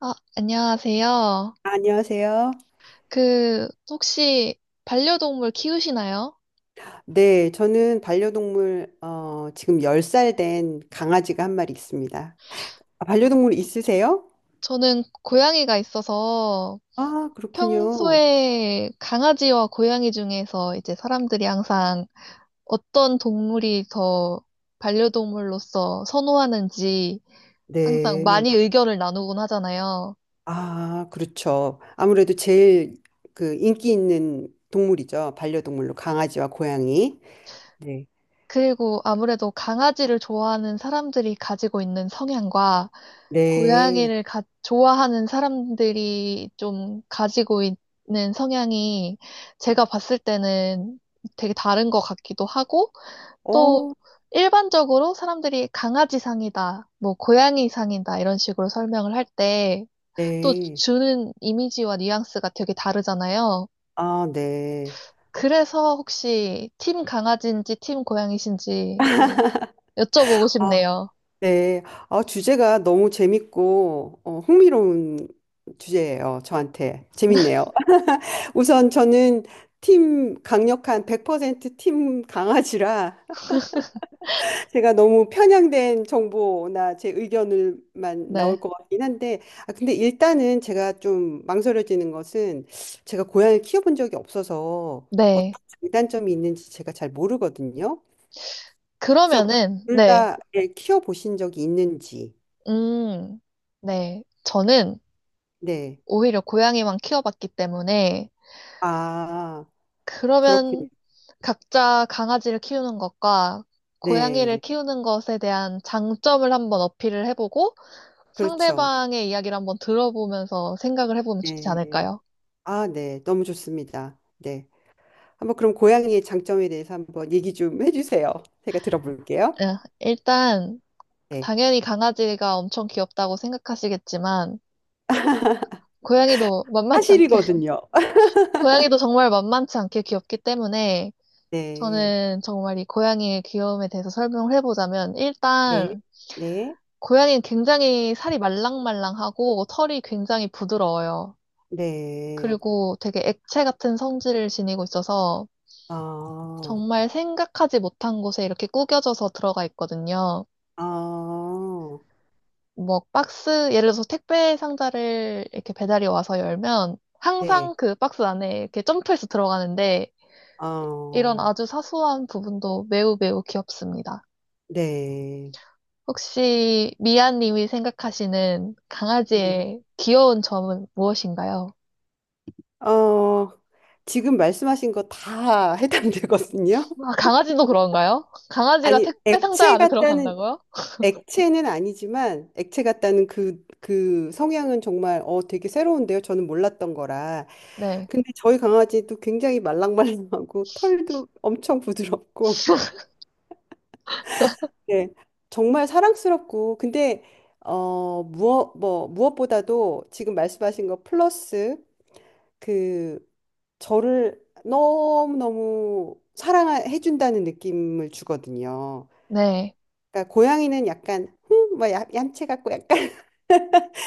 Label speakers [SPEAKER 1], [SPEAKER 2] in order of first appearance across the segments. [SPEAKER 1] 아, 안녕하세요.
[SPEAKER 2] 안녕하세요.
[SPEAKER 1] 그, 혹시 반려동물 키우시나요?
[SPEAKER 2] 네, 저는 반려동물, 지금 10살 된 강아지가 한 마리 있습니다. 아, 반려동물 있으세요?
[SPEAKER 1] 저는 고양이가 있어서
[SPEAKER 2] 아, 그렇군요.
[SPEAKER 1] 평소에 강아지와 고양이 중에서 이제 사람들이 항상 어떤 동물이 더 반려동물로서 선호하는지 항상
[SPEAKER 2] 네.
[SPEAKER 1] 많이 의견을 나누곤 하잖아요.
[SPEAKER 2] 아, 그렇죠. 아무래도 제일 그 인기 있는 동물이죠. 반려동물로 강아지와 고양이. 네.
[SPEAKER 1] 그리고 아무래도 강아지를 좋아하는 사람들이 가지고 있는 성향과
[SPEAKER 2] 네.
[SPEAKER 1] 고양이를 좋아하는 사람들이 좀 가지고 있는 성향이 제가 봤을 때는 되게 다른 것 같기도 하고, 또
[SPEAKER 2] 어,
[SPEAKER 1] 일반적으로 사람들이 강아지상이다, 뭐 고양이상이다, 이런 식으로 설명을 할 때, 또
[SPEAKER 2] 네.
[SPEAKER 1] 주는 이미지와 뉘앙스가 되게 다르잖아요.
[SPEAKER 2] 아, 네.
[SPEAKER 1] 그래서 혹시 팀 강아지인지 팀 고양이신지 또 여쭤보고
[SPEAKER 2] 아,
[SPEAKER 1] 싶네요.
[SPEAKER 2] 네. 아, 주제가 너무 재밌고, 흥미로운 주제예요. 저한테. 재밌네요. 우선 저는 팀 강력한 100%팀 강아지라 제가 너무 편향된 정보나 제 의견을만 나올
[SPEAKER 1] 네.
[SPEAKER 2] 것 같긴 한데 아 근데 일단은 제가 좀 망설여지는 것은 제가 고양이를 키워본 적이 없어서 어떤
[SPEAKER 1] 네.
[SPEAKER 2] 장단점이 있는지 제가 잘 모르거든요. 그래서
[SPEAKER 1] 그러면은,
[SPEAKER 2] 둘
[SPEAKER 1] 네.
[SPEAKER 2] 다 키워보신 적이 있는지
[SPEAKER 1] 음, 네. 저는
[SPEAKER 2] 네.
[SPEAKER 1] 오히려 고양이만 키워봤기 때문에
[SPEAKER 2] 아 그렇군요.
[SPEAKER 1] 그러면 각자 강아지를 키우는 것과 고양이를
[SPEAKER 2] 네.
[SPEAKER 1] 키우는 것에 대한 장점을 한번 어필을 해보고
[SPEAKER 2] 그렇죠.
[SPEAKER 1] 상대방의 이야기를 한번 들어보면서 생각을 해보면 좋지
[SPEAKER 2] 네.
[SPEAKER 1] 않을까요?
[SPEAKER 2] 아, 네. 너무 좋습니다. 네. 한번 그럼 고양이의 장점에 대해서 한번 얘기 좀 해주세요. 제가 들어볼게요.
[SPEAKER 1] 예, 일단
[SPEAKER 2] 네.
[SPEAKER 1] 당연히 강아지가 엄청 귀엽다고 생각하시겠지만 고양이도 만만치 않게
[SPEAKER 2] 사실이거든요.
[SPEAKER 1] 고양이도 정말 만만치 않게 귀엽기 때문에
[SPEAKER 2] 네.
[SPEAKER 1] 저는 정말 이 고양이의 귀여움에 대해서 설명을 해보자면,
[SPEAKER 2] 네.
[SPEAKER 1] 일단,
[SPEAKER 2] 네.
[SPEAKER 1] 고양이는 굉장히 살이 말랑말랑하고 털이 굉장히 부드러워요.
[SPEAKER 2] 네.
[SPEAKER 1] 그리고 되게 액체 같은 성질을 지니고 있어서
[SPEAKER 2] 아,
[SPEAKER 1] 정말 생각하지 못한 곳에 이렇게 구겨져서 들어가 있거든요.
[SPEAKER 2] 아,
[SPEAKER 1] 뭐 박스, 예를 들어서 택배 상자를 이렇게 배달이 와서 열면
[SPEAKER 2] 네.
[SPEAKER 1] 항상 그 박스 안에 이렇게 점프해서 들어가는데 이런
[SPEAKER 2] 아,
[SPEAKER 1] 아주 사소한 부분도 매우 매우 귀엽습니다.
[SPEAKER 2] 네.
[SPEAKER 1] 혹시 미아님이 생각하시는
[SPEAKER 2] 네.
[SPEAKER 1] 강아지의 귀여운 점은 무엇인가요?
[SPEAKER 2] 어, 지금 말씀하신 거 다 해당되거든요.
[SPEAKER 1] 아, 강아지도 그런가요? 강아지가
[SPEAKER 2] 아니,
[SPEAKER 1] 택배 상자
[SPEAKER 2] 액체
[SPEAKER 1] 안에
[SPEAKER 2] 같다는,
[SPEAKER 1] 들어간다고요?
[SPEAKER 2] 액체는 아니지만, 액체 같다는 그 성향은 정말, 되게 새로운데요. 저는 몰랐던 거라.
[SPEAKER 1] 네,
[SPEAKER 2] 근데 저희 강아지도 굉장히 말랑말랑하고 털도 엄청 부드럽고 네. 정말 사랑스럽고 근데 무엇보다도 지금 말씀하신 거 플러스 그 저를 너무너무 사랑해 준다는 느낌을 주거든요.
[SPEAKER 1] 네.
[SPEAKER 2] 그러니까 고양이는 약간 뭐 얌체 같고 약간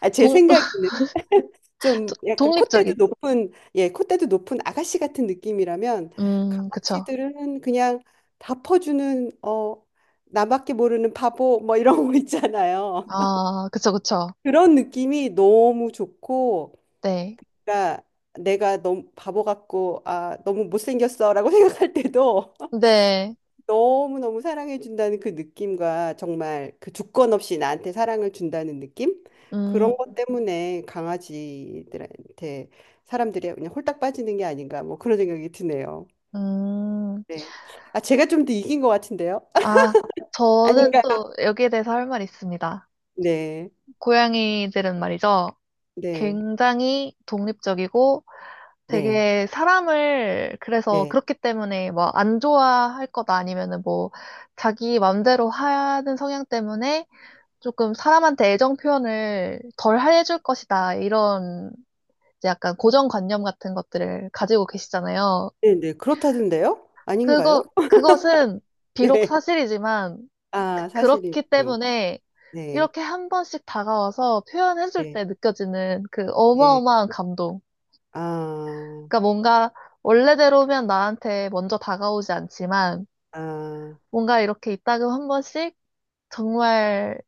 [SPEAKER 2] 아, 제
[SPEAKER 1] 동,
[SPEAKER 2] 생각에는 좀 약간 콧대도
[SPEAKER 1] 독립적인.
[SPEAKER 2] 높은, 예, 콧대도 높은 아가씨 같은 느낌이라면
[SPEAKER 1] 그쵸.
[SPEAKER 2] 강아지들은 그냥 다 퍼주는, 나밖에 모르는 바보 뭐 이런 거 있잖아요.
[SPEAKER 1] 아, 그쵸, 그쵸.
[SPEAKER 2] 그런 느낌이 너무 좋고,
[SPEAKER 1] 네.
[SPEAKER 2] 그러니까 내가 너무 바보 같고, 아, 너무 못생겼어라고 생각할 때도
[SPEAKER 1] 근데,
[SPEAKER 2] 너무너무 사랑해준다는 그 느낌과 정말 그 조건 없이 나한테 사랑을 준다는 느낌?
[SPEAKER 1] 음,
[SPEAKER 2] 그런 것 때문에 강아지들한테 사람들이 그냥 홀딱 빠지는 게 아닌가 뭐 그런 생각이 드네요.
[SPEAKER 1] 음,
[SPEAKER 2] 네. 아, 제가 좀 더 이긴 것 같은데요?
[SPEAKER 1] 아, 저는
[SPEAKER 2] 아닌가?
[SPEAKER 1] 또 여기에 대해서 할 말이 있습니다.
[SPEAKER 2] 네.
[SPEAKER 1] 고양이들은 말이죠.
[SPEAKER 2] 네.
[SPEAKER 1] 굉장히 독립적이고
[SPEAKER 2] 네.
[SPEAKER 1] 되게 사람을 그래서
[SPEAKER 2] 네.
[SPEAKER 1] 그렇기 때문에 뭐 안 좋아할 거다 아니면은 뭐 자기 맘대로 하는 성향 때문에 조금 사람한테 애정 표현을 덜 해줄 것이다 이런 이제 약간 고정관념 같은 것들을 가지고 계시잖아요.
[SPEAKER 2] 네. 네. 그렇다던데요?
[SPEAKER 1] 그거
[SPEAKER 2] 아닌가요?
[SPEAKER 1] 그것은 비록
[SPEAKER 2] 네.
[SPEAKER 1] 사실이지만 그,
[SPEAKER 2] 아,
[SPEAKER 1] 그렇기
[SPEAKER 2] 사실이군요.
[SPEAKER 1] 때문에
[SPEAKER 2] 네.
[SPEAKER 1] 이렇게 한 번씩 다가와서 표현해줄
[SPEAKER 2] 네.
[SPEAKER 1] 때 느껴지는 그
[SPEAKER 2] 네.
[SPEAKER 1] 어마어마한 감동.
[SPEAKER 2] 아,
[SPEAKER 1] 그러니까 뭔가 원래대로면 나한테 먼저 다가오지 않지만
[SPEAKER 2] 아,
[SPEAKER 1] 뭔가 이렇게 이따금 한 번씩 정말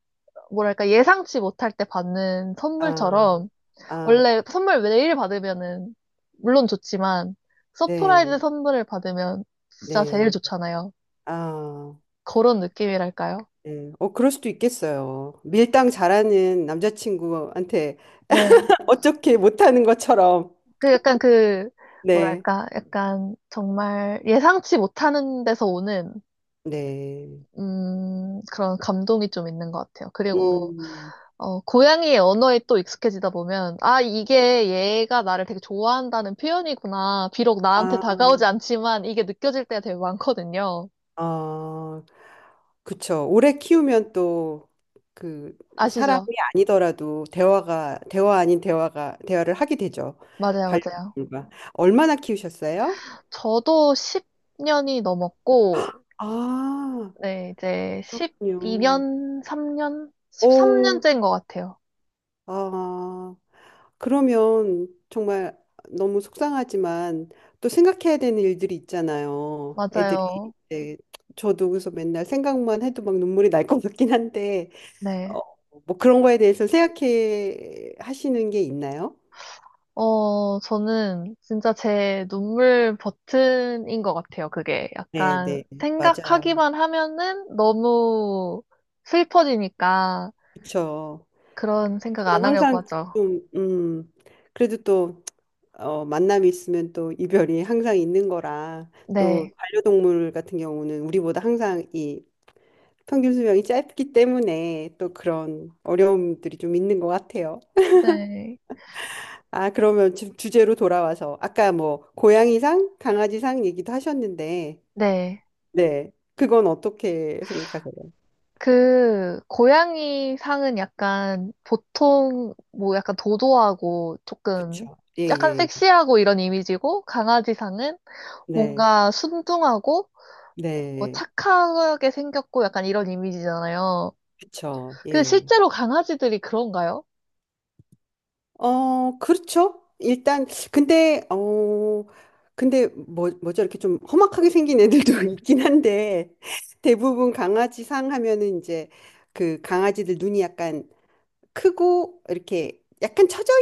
[SPEAKER 1] 뭐랄까 예상치 못할 때 받는
[SPEAKER 2] 아,
[SPEAKER 1] 선물처럼
[SPEAKER 2] 아,
[SPEAKER 1] 원래 선물 매일 받으면은 물론 좋지만 서프라이즈
[SPEAKER 2] 네.
[SPEAKER 1] 선물을 받으면 진짜 제일
[SPEAKER 2] 네.
[SPEAKER 1] 좋잖아요.
[SPEAKER 2] 아,
[SPEAKER 1] 그런 느낌이랄까요?
[SPEAKER 2] 예. 그럴 수도 있겠어요. 밀당 잘하는 남자친구한테
[SPEAKER 1] 네.
[SPEAKER 2] 어떻게 못하는 것처럼.
[SPEAKER 1] 그 약간 그
[SPEAKER 2] 네,
[SPEAKER 1] 뭐랄까 약간 정말 예상치 못하는 데서 오는
[SPEAKER 2] 네.
[SPEAKER 1] 그런 감동이 좀 있는 것 같아요. 그리고,
[SPEAKER 2] 음,
[SPEAKER 1] 어, 고양이의 언어에 또 익숙해지다 보면, 아, 이게 얘가 나를 되게 좋아한다는 표현이구나. 비록 나한테
[SPEAKER 2] 아,
[SPEAKER 1] 다가오지 않지만 이게 느껴질 때가 되게 많거든요.
[SPEAKER 2] 아, 그쵸. 오래 키우면 또 그 사람이
[SPEAKER 1] 아시죠?
[SPEAKER 2] 아니더라도 대화 아닌 대화가, 대화를 하게 되죠.
[SPEAKER 1] 맞아요, 맞아요.
[SPEAKER 2] 반려동물과. 얼마나 키우셨어요?
[SPEAKER 1] 저도 10년이 넘었고,
[SPEAKER 2] 아,
[SPEAKER 1] 네, 이제
[SPEAKER 2] 그렇군요.
[SPEAKER 1] 12년, 3년?
[SPEAKER 2] 오,
[SPEAKER 1] 13년째인 것 같아요.
[SPEAKER 2] 아. 그러면 정말 너무 속상하지만 또 생각해야 되는 일들이 있잖아요. 애들이
[SPEAKER 1] 맞아요.
[SPEAKER 2] 이제 저도 그래서 맨날 생각만 해도 막 눈물이 날 것 같긴 한데 어,
[SPEAKER 1] 네.
[SPEAKER 2] 뭐 그런 거에 대해서 생각해 하시는 게 있나요?
[SPEAKER 1] 어, 저는 진짜 제 눈물 버튼인 것 같아요, 그게.
[SPEAKER 2] 네,
[SPEAKER 1] 약간
[SPEAKER 2] 네, 맞아요.
[SPEAKER 1] 생각하기만 하면은 너무 슬퍼지니까
[SPEAKER 2] 그렇죠.
[SPEAKER 1] 그런 생각 안
[SPEAKER 2] 하지만
[SPEAKER 1] 하려고
[SPEAKER 2] 항상
[SPEAKER 1] 하죠.
[SPEAKER 2] 좀 그래도 또 만남이 있으면 또 이별이 항상 있는 거라 또
[SPEAKER 1] 네.
[SPEAKER 2] 반려동물 같은 경우는 우리보다 항상 이 평균 수명이 짧기 때문에 또 그런 어려움들이 좀 있는 것 같아요.
[SPEAKER 1] 네.
[SPEAKER 2] 아, 그러면 지금 주제로 돌아와서 아까 뭐 고양이상, 강아지상 얘기도 하셨는데,
[SPEAKER 1] 네.
[SPEAKER 2] 네, 그건 어떻게 생각하세요?
[SPEAKER 1] 그, 고양이 상은 약간 보통 뭐 약간 도도하고 조금
[SPEAKER 2] 그렇죠. 예,
[SPEAKER 1] 약간
[SPEAKER 2] 예, 예.
[SPEAKER 1] 섹시하고 이런 이미지고 강아지 상은
[SPEAKER 2] 네,
[SPEAKER 1] 뭔가 순둥하고 뭐
[SPEAKER 2] 네,
[SPEAKER 1] 착하게 생겼고 약간 이런 이미지잖아요.
[SPEAKER 2] 그렇죠.
[SPEAKER 1] 그
[SPEAKER 2] 예.
[SPEAKER 1] 실제로 강아지들이 그런가요?
[SPEAKER 2] 그렇죠. 일단 근데 어, 근데 뭐죠 이렇게 좀 험악하게 생긴 애들도 있긴 한데 대부분 강아지상 하면은 이제 그 강아지들 눈이 약간 크고 이렇게 약간 처져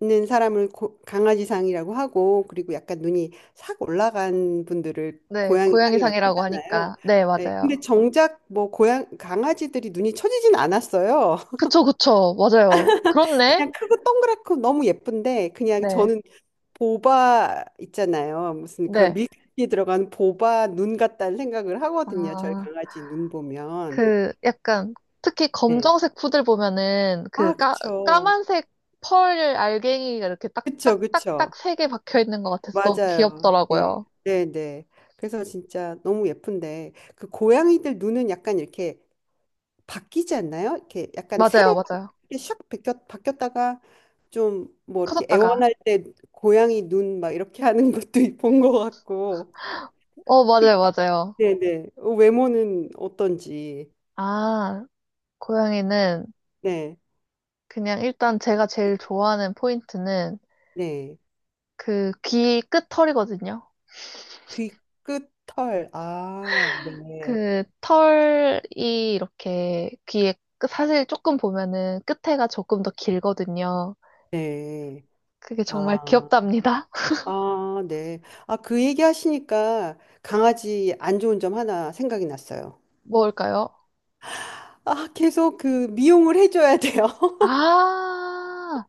[SPEAKER 2] 있는 사람을 강아지상이라고 하고 그리고 약간 눈이 싹 올라간 분들을
[SPEAKER 1] 네,
[SPEAKER 2] 고양이상이라고
[SPEAKER 1] 고양이상이라고
[SPEAKER 2] 하잖아요.
[SPEAKER 1] 하니까. 네,
[SPEAKER 2] 네,
[SPEAKER 1] 맞아요.
[SPEAKER 2] 근데 정작 뭐 고양 강아지들이 눈이 처지진 않았어요.
[SPEAKER 1] 그쵸, 그쵸. 맞아요. 그렇네.
[SPEAKER 2] 그냥 크고 동그랗고 너무 예쁜데 그냥
[SPEAKER 1] 네,
[SPEAKER 2] 저는 보바 있잖아요. 무슨 그런
[SPEAKER 1] 네.
[SPEAKER 2] 밀크티에 들어간 보바 눈 같다는 생각을 하거든요. 저희
[SPEAKER 1] 아,
[SPEAKER 2] 강아지 눈 보면.
[SPEAKER 1] 그 약간 특히
[SPEAKER 2] 네.
[SPEAKER 1] 검정색 푸들 보면은 그
[SPEAKER 2] 아,
[SPEAKER 1] 까,
[SPEAKER 2] 그쵸.
[SPEAKER 1] 까만색 펄 알갱이가 이렇게
[SPEAKER 2] 그쵸, 그쵸.
[SPEAKER 1] 딱딱딱딱 세 개 박혀 있는 것 같아서 너무
[SPEAKER 2] 맞아요. 네,
[SPEAKER 1] 귀엽더라고요.
[SPEAKER 2] 네, 네. 그래서 진짜 너무 예쁜데 그 고양이들 눈은 약간 이렇게 바뀌지 않나요? 이렇게 약간
[SPEAKER 1] 맞아요,
[SPEAKER 2] 새로
[SPEAKER 1] 맞아요.
[SPEAKER 2] 이렇게 샥 바뀌었다가 좀 뭐 이렇게
[SPEAKER 1] 커졌다가.
[SPEAKER 2] 애원할 때 고양이 눈 막 이렇게 하는 것도 본 것 같고.
[SPEAKER 1] 어, 맞아요, 맞아요.
[SPEAKER 2] 네, 네. 외모는 어떤지.
[SPEAKER 1] 아, 고양이는
[SPEAKER 2] 네,
[SPEAKER 1] 그냥 일단 제가 제일 좋아하는 포인트는
[SPEAKER 2] 네.
[SPEAKER 1] 그 귀 끝털이거든요.
[SPEAKER 2] 귀 끝 털. 아, 네,
[SPEAKER 1] 그 털이 이렇게 귀에 사실 조금 보면은 끝에가 조금 더 길거든요.
[SPEAKER 2] 네.
[SPEAKER 1] 그게 정말
[SPEAKER 2] 아.
[SPEAKER 1] 귀엽답니다.
[SPEAKER 2] 아, 네. 아, 그 얘기 하시니까 강아지 안 좋은 점 하나 생각이 났어요.
[SPEAKER 1] 뭘까요?
[SPEAKER 2] 아, 계속 그 미용을 해줘야 돼요.
[SPEAKER 1] 아,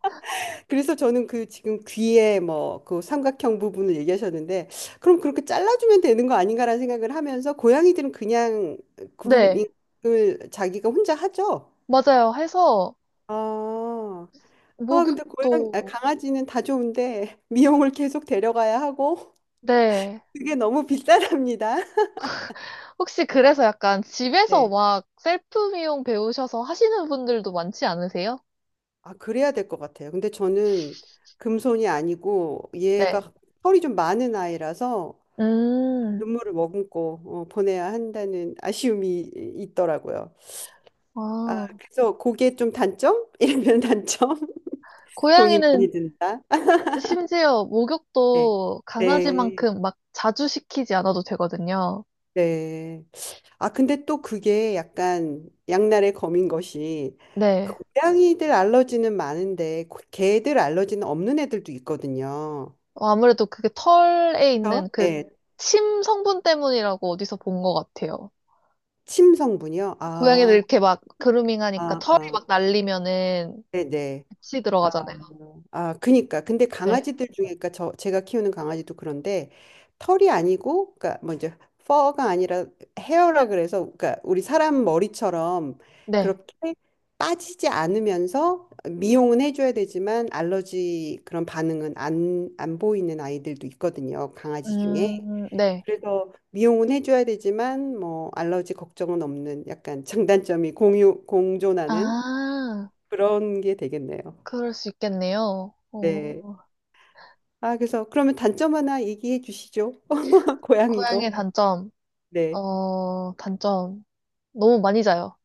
[SPEAKER 2] 그래서 저는 그 지금 귀에 뭐 그 삼각형 부분을 얘기하셨는데, 그럼 그렇게 잘라주면 되는 거 아닌가라는 생각을 하면서 고양이들은 그냥
[SPEAKER 1] 네,
[SPEAKER 2] 그루밍을 자기가 혼자 하죠.
[SPEAKER 1] 맞아요. 해서
[SPEAKER 2] 아, 아, 근데
[SPEAKER 1] 목욕도
[SPEAKER 2] 강아지는 다 좋은데 미용을 계속 데려가야 하고
[SPEAKER 1] 네.
[SPEAKER 2] 그게 너무 비싸답니다.
[SPEAKER 1] 혹시 그래서 약간 집에서
[SPEAKER 2] 네.
[SPEAKER 1] 막 셀프 미용 배우셔서 하시는 분들도 많지 않으세요?
[SPEAKER 2] 아, 그래야 될 것 같아요. 근데 저는 금손이 아니고
[SPEAKER 1] 네.
[SPEAKER 2] 얘가 털이 좀 많은 아이라서
[SPEAKER 1] 음.
[SPEAKER 2] 눈물을 머금고 보내야 한다는 아쉬움이 있더라고요. 아,
[SPEAKER 1] 아,
[SPEAKER 2] 그래서 그게 좀 단점? 이러면 단점? 돈이
[SPEAKER 1] 고양이는
[SPEAKER 2] 많이 든다.
[SPEAKER 1] 심지어
[SPEAKER 2] 네.
[SPEAKER 1] 목욕도
[SPEAKER 2] 네.
[SPEAKER 1] 강아지만큼 막 자주 시키지 않아도 되거든요.
[SPEAKER 2] 네. 아, 근데 또 그게 약간 양날의 검인 것이 그
[SPEAKER 1] 네.
[SPEAKER 2] 고양이들 알러지는 많은데 개들 알러지는 없는 애들도 있거든요.
[SPEAKER 1] 어, 아무래도 그게 털에
[SPEAKER 2] 그렇죠?
[SPEAKER 1] 있는 그
[SPEAKER 2] 네.
[SPEAKER 1] 침 성분 때문이라고 어디서 본 것 같아요.
[SPEAKER 2] 침 성분이요?
[SPEAKER 1] 고양이들
[SPEAKER 2] 아.
[SPEAKER 1] 이렇게 막 그루밍 하니까
[SPEAKER 2] 아,
[SPEAKER 1] 털이
[SPEAKER 2] 아,
[SPEAKER 1] 막 날리면은
[SPEAKER 2] 네네.
[SPEAKER 1] 같이
[SPEAKER 2] 아,
[SPEAKER 1] 들어가잖아요.
[SPEAKER 2] 아, 그니까. 근데
[SPEAKER 1] 네.
[SPEAKER 2] 강아지들 중에, 그니까 제가 키우는 강아지도 그런데 털이 아니고, 그니까 뭐 이제, 퍼가 아니라 헤어라 그래서, 그니까 우리 사람 머리처럼
[SPEAKER 1] 네.
[SPEAKER 2] 그렇게 빠지지 않으면서 미용은 해줘야 되지만 알러지 그런 반응은 안 보이는 아이들도 있거든요. 강아지 중에.
[SPEAKER 1] 네.
[SPEAKER 2] 그래서 미용은 해줘야 되지만 뭐 알러지 걱정은 없는 약간 장단점이 공존하는
[SPEAKER 1] 아,
[SPEAKER 2] 그런 게 되겠네요.
[SPEAKER 1] 그럴 수 있겠네요.
[SPEAKER 2] 네.
[SPEAKER 1] 어,
[SPEAKER 2] 아, 그래서 그러면 단점 하나 얘기해 주시죠. 고양이도.
[SPEAKER 1] 고양이의 단점.
[SPEAKER 2] 네.
[SPEAKER 1] 어, 단점. 너무 많이 자요.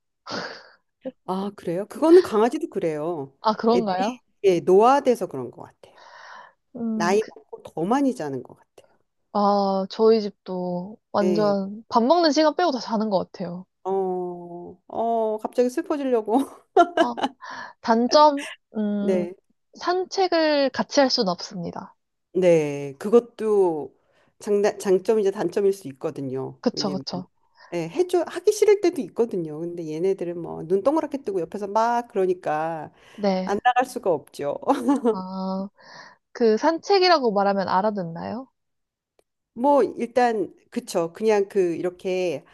[SPEAKER 2] 아, 그래요? 그거는 강아지도 그래요.
[SPEAKER 1] 아,
[SPEAKER 2] 애들이
[SPEAKER 1] 그런가요?
[SPEAKER 2] 예, 노화돼서 그런 것 같아요. 나이
[SPEAKER 1] 그,
[SPEAKER 2] 먹고 더 많이 자는 것 같아요.
[SPEAKER 1] 아, 저희 집도
[SPEAKER 2] 네.
[SPEAKER 1] 완전 밥 먹는 시간 빼고 다 자는 것 같아요.
[SPEAKER 2] 어, 갑자기 슬퍼지려고.
[SPEAKER 1] 아, 단점, 음,
[SPEAKER 2] 네.
[SPEAKER 1] 산책을 같이 할 수는 없습니다.
[SPEAKER 2] 네, 그것도 장점이자 단점일 수 있거든요.
[SPEAKER 1] 그쵸,
[SPEAKER 2] 왜냐면
[SPEAKER 1] 그쵸.
[SPEAKER 2] 예, 해줘 하기 싫을 때도 있거든요. 근데 얘네들은 뭐 눈 동그랗게 뜨고 옆에서 막 그러니까
[SPEAKER 1] 네.
[SPEAKER 2] 안 나갈 수가 없죠.
[SPEAKER 1] 아, 그 산책이라고 말하면 알아듣나요?
[SPEAKER 2] 뭐 일단 그쵸. 그냥 그 이렇게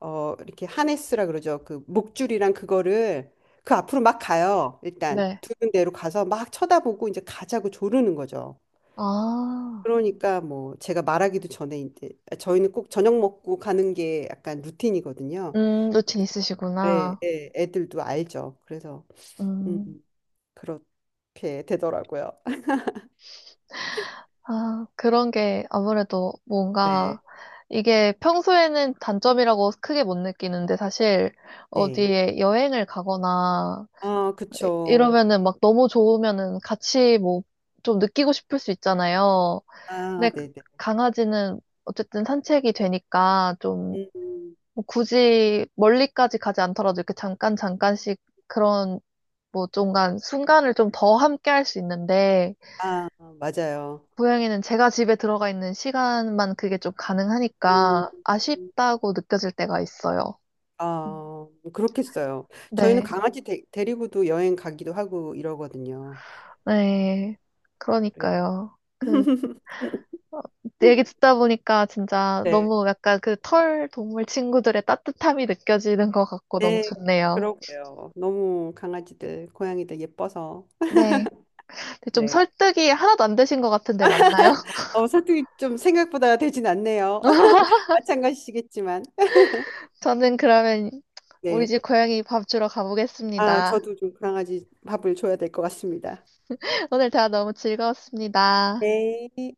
[SPEAKER 2] 어 이렇게 하네스라 그러죠. 그 목줄이랑 그거를 그 앞으로 막 가요. 일단
[SPEAKER 1] 네.
[SPEAKER 2] 두는 대로 가서 막 쳐다보고 이제 가자고 조르는 거죠.
[SPEAKER 1] 아,
[SPEAKER 2] 그러니까 뭐 제가 말하기도 전에 이제 저희는 꼭 저녁 먹고 가는 게 약간 루틴이거든요.
[SPEAKER 1] 루틴
[SPEAKER 2] 예,
[SPEAKER 1] 있으시구나.
[SPEAKER 2] 예, 애들도 알죠. 그래서 음,
[SPEAKER 1] 음,
[SPEAKER 2] 그렇게 되더라고요.
[SPEAKER 1] 아, 그런 게 아무래도
[SPEAKER 2] 네,
[SPEAKER 1] 뭔가 이게 평소에는 단점이라고 크게 못 느끼는데 사실
[SPEAKER 2] 네.
[SPEAKER 1] 어디에 여행을 가거나
[SPEAKER 2] 아, 그쵸.
[SPEAKER 1] 이러면은 막 너무 좋으면은 같이 뭐 좀 느끼고 싶을 수 있잖아요.
[SPEAKER 2] 아,
[SPEAKER 1] 근데
[SPEAKER 2] 네, 네.
[SPEAKER 1] 강아지는 어쨌든 산책이 되니까 좀뭐
[SPEAKER 2] 음,
[SPEAKER 1] 굳이 멀리까지 가지 않더라도 이렇게 잠깐 잠깐씩 그런 뭐 중간 순간을 좀 더 함께 할 수 있는데
[SPEAKER 2] 아, 맞아요.
[SPEAKER 1] 고양이는 제가 집에 들어가 있는 시간만 그게 좀
[SPEAKER 2] 음,
[SPEAKER 1] 가능하니까 아쉽다고 느껴질 때가 있어요. 음.
[SPEAKER 2] 아, 그렇겠어요. 저희는
[SPEAKER 1] 네.
[SPEAKER 2] 강아지 데리고도 여행 가기도 하고 이러거든요.
[SPEAKER 1] 네.
[SPEAKER 2] 그래서
[SPEAKER 1] 그러니까요. 그 어, 얘기 듣다 보니까 진짜
[SPEAKER 2] 네.
[SPEAKER 1] 너무 약간 그 털 동물 친구들의 따뜻함이 느껴지는 것 같고 너무
[SPEAKER 2] 네,
[SPEAKER 1] 좋네요.
[SPEAKER 2] 그러게요. 너무 강아지들, 고양이들 예뻐서.
[SPEAKER 1] 네. 좀
[SPEAKER 2] 네.
[SPEAKER 1] 설득이 하나도 안 되신 것 같은데 맞나요?
[SPEAKER 2] 사투리 좀 생각보다 되진 않네요. 마찬가지시겠지만.
[SPEAKER 1] 저는 그러면 우리
[SPEAKER 2] 네.
[SPEAKER 1] 집 고양이 밥 주러
[SPEAKER 2] 아,
[SPEAKER 1] 가보겠습니다.
[SPEAKER 2] 저도 좀 강아지 밥을 줘야 될 것 같습니다.
[SPEAKER 1] 오늘 대화 너무 즐거웠습니다.
[SPEAKER 2] 네.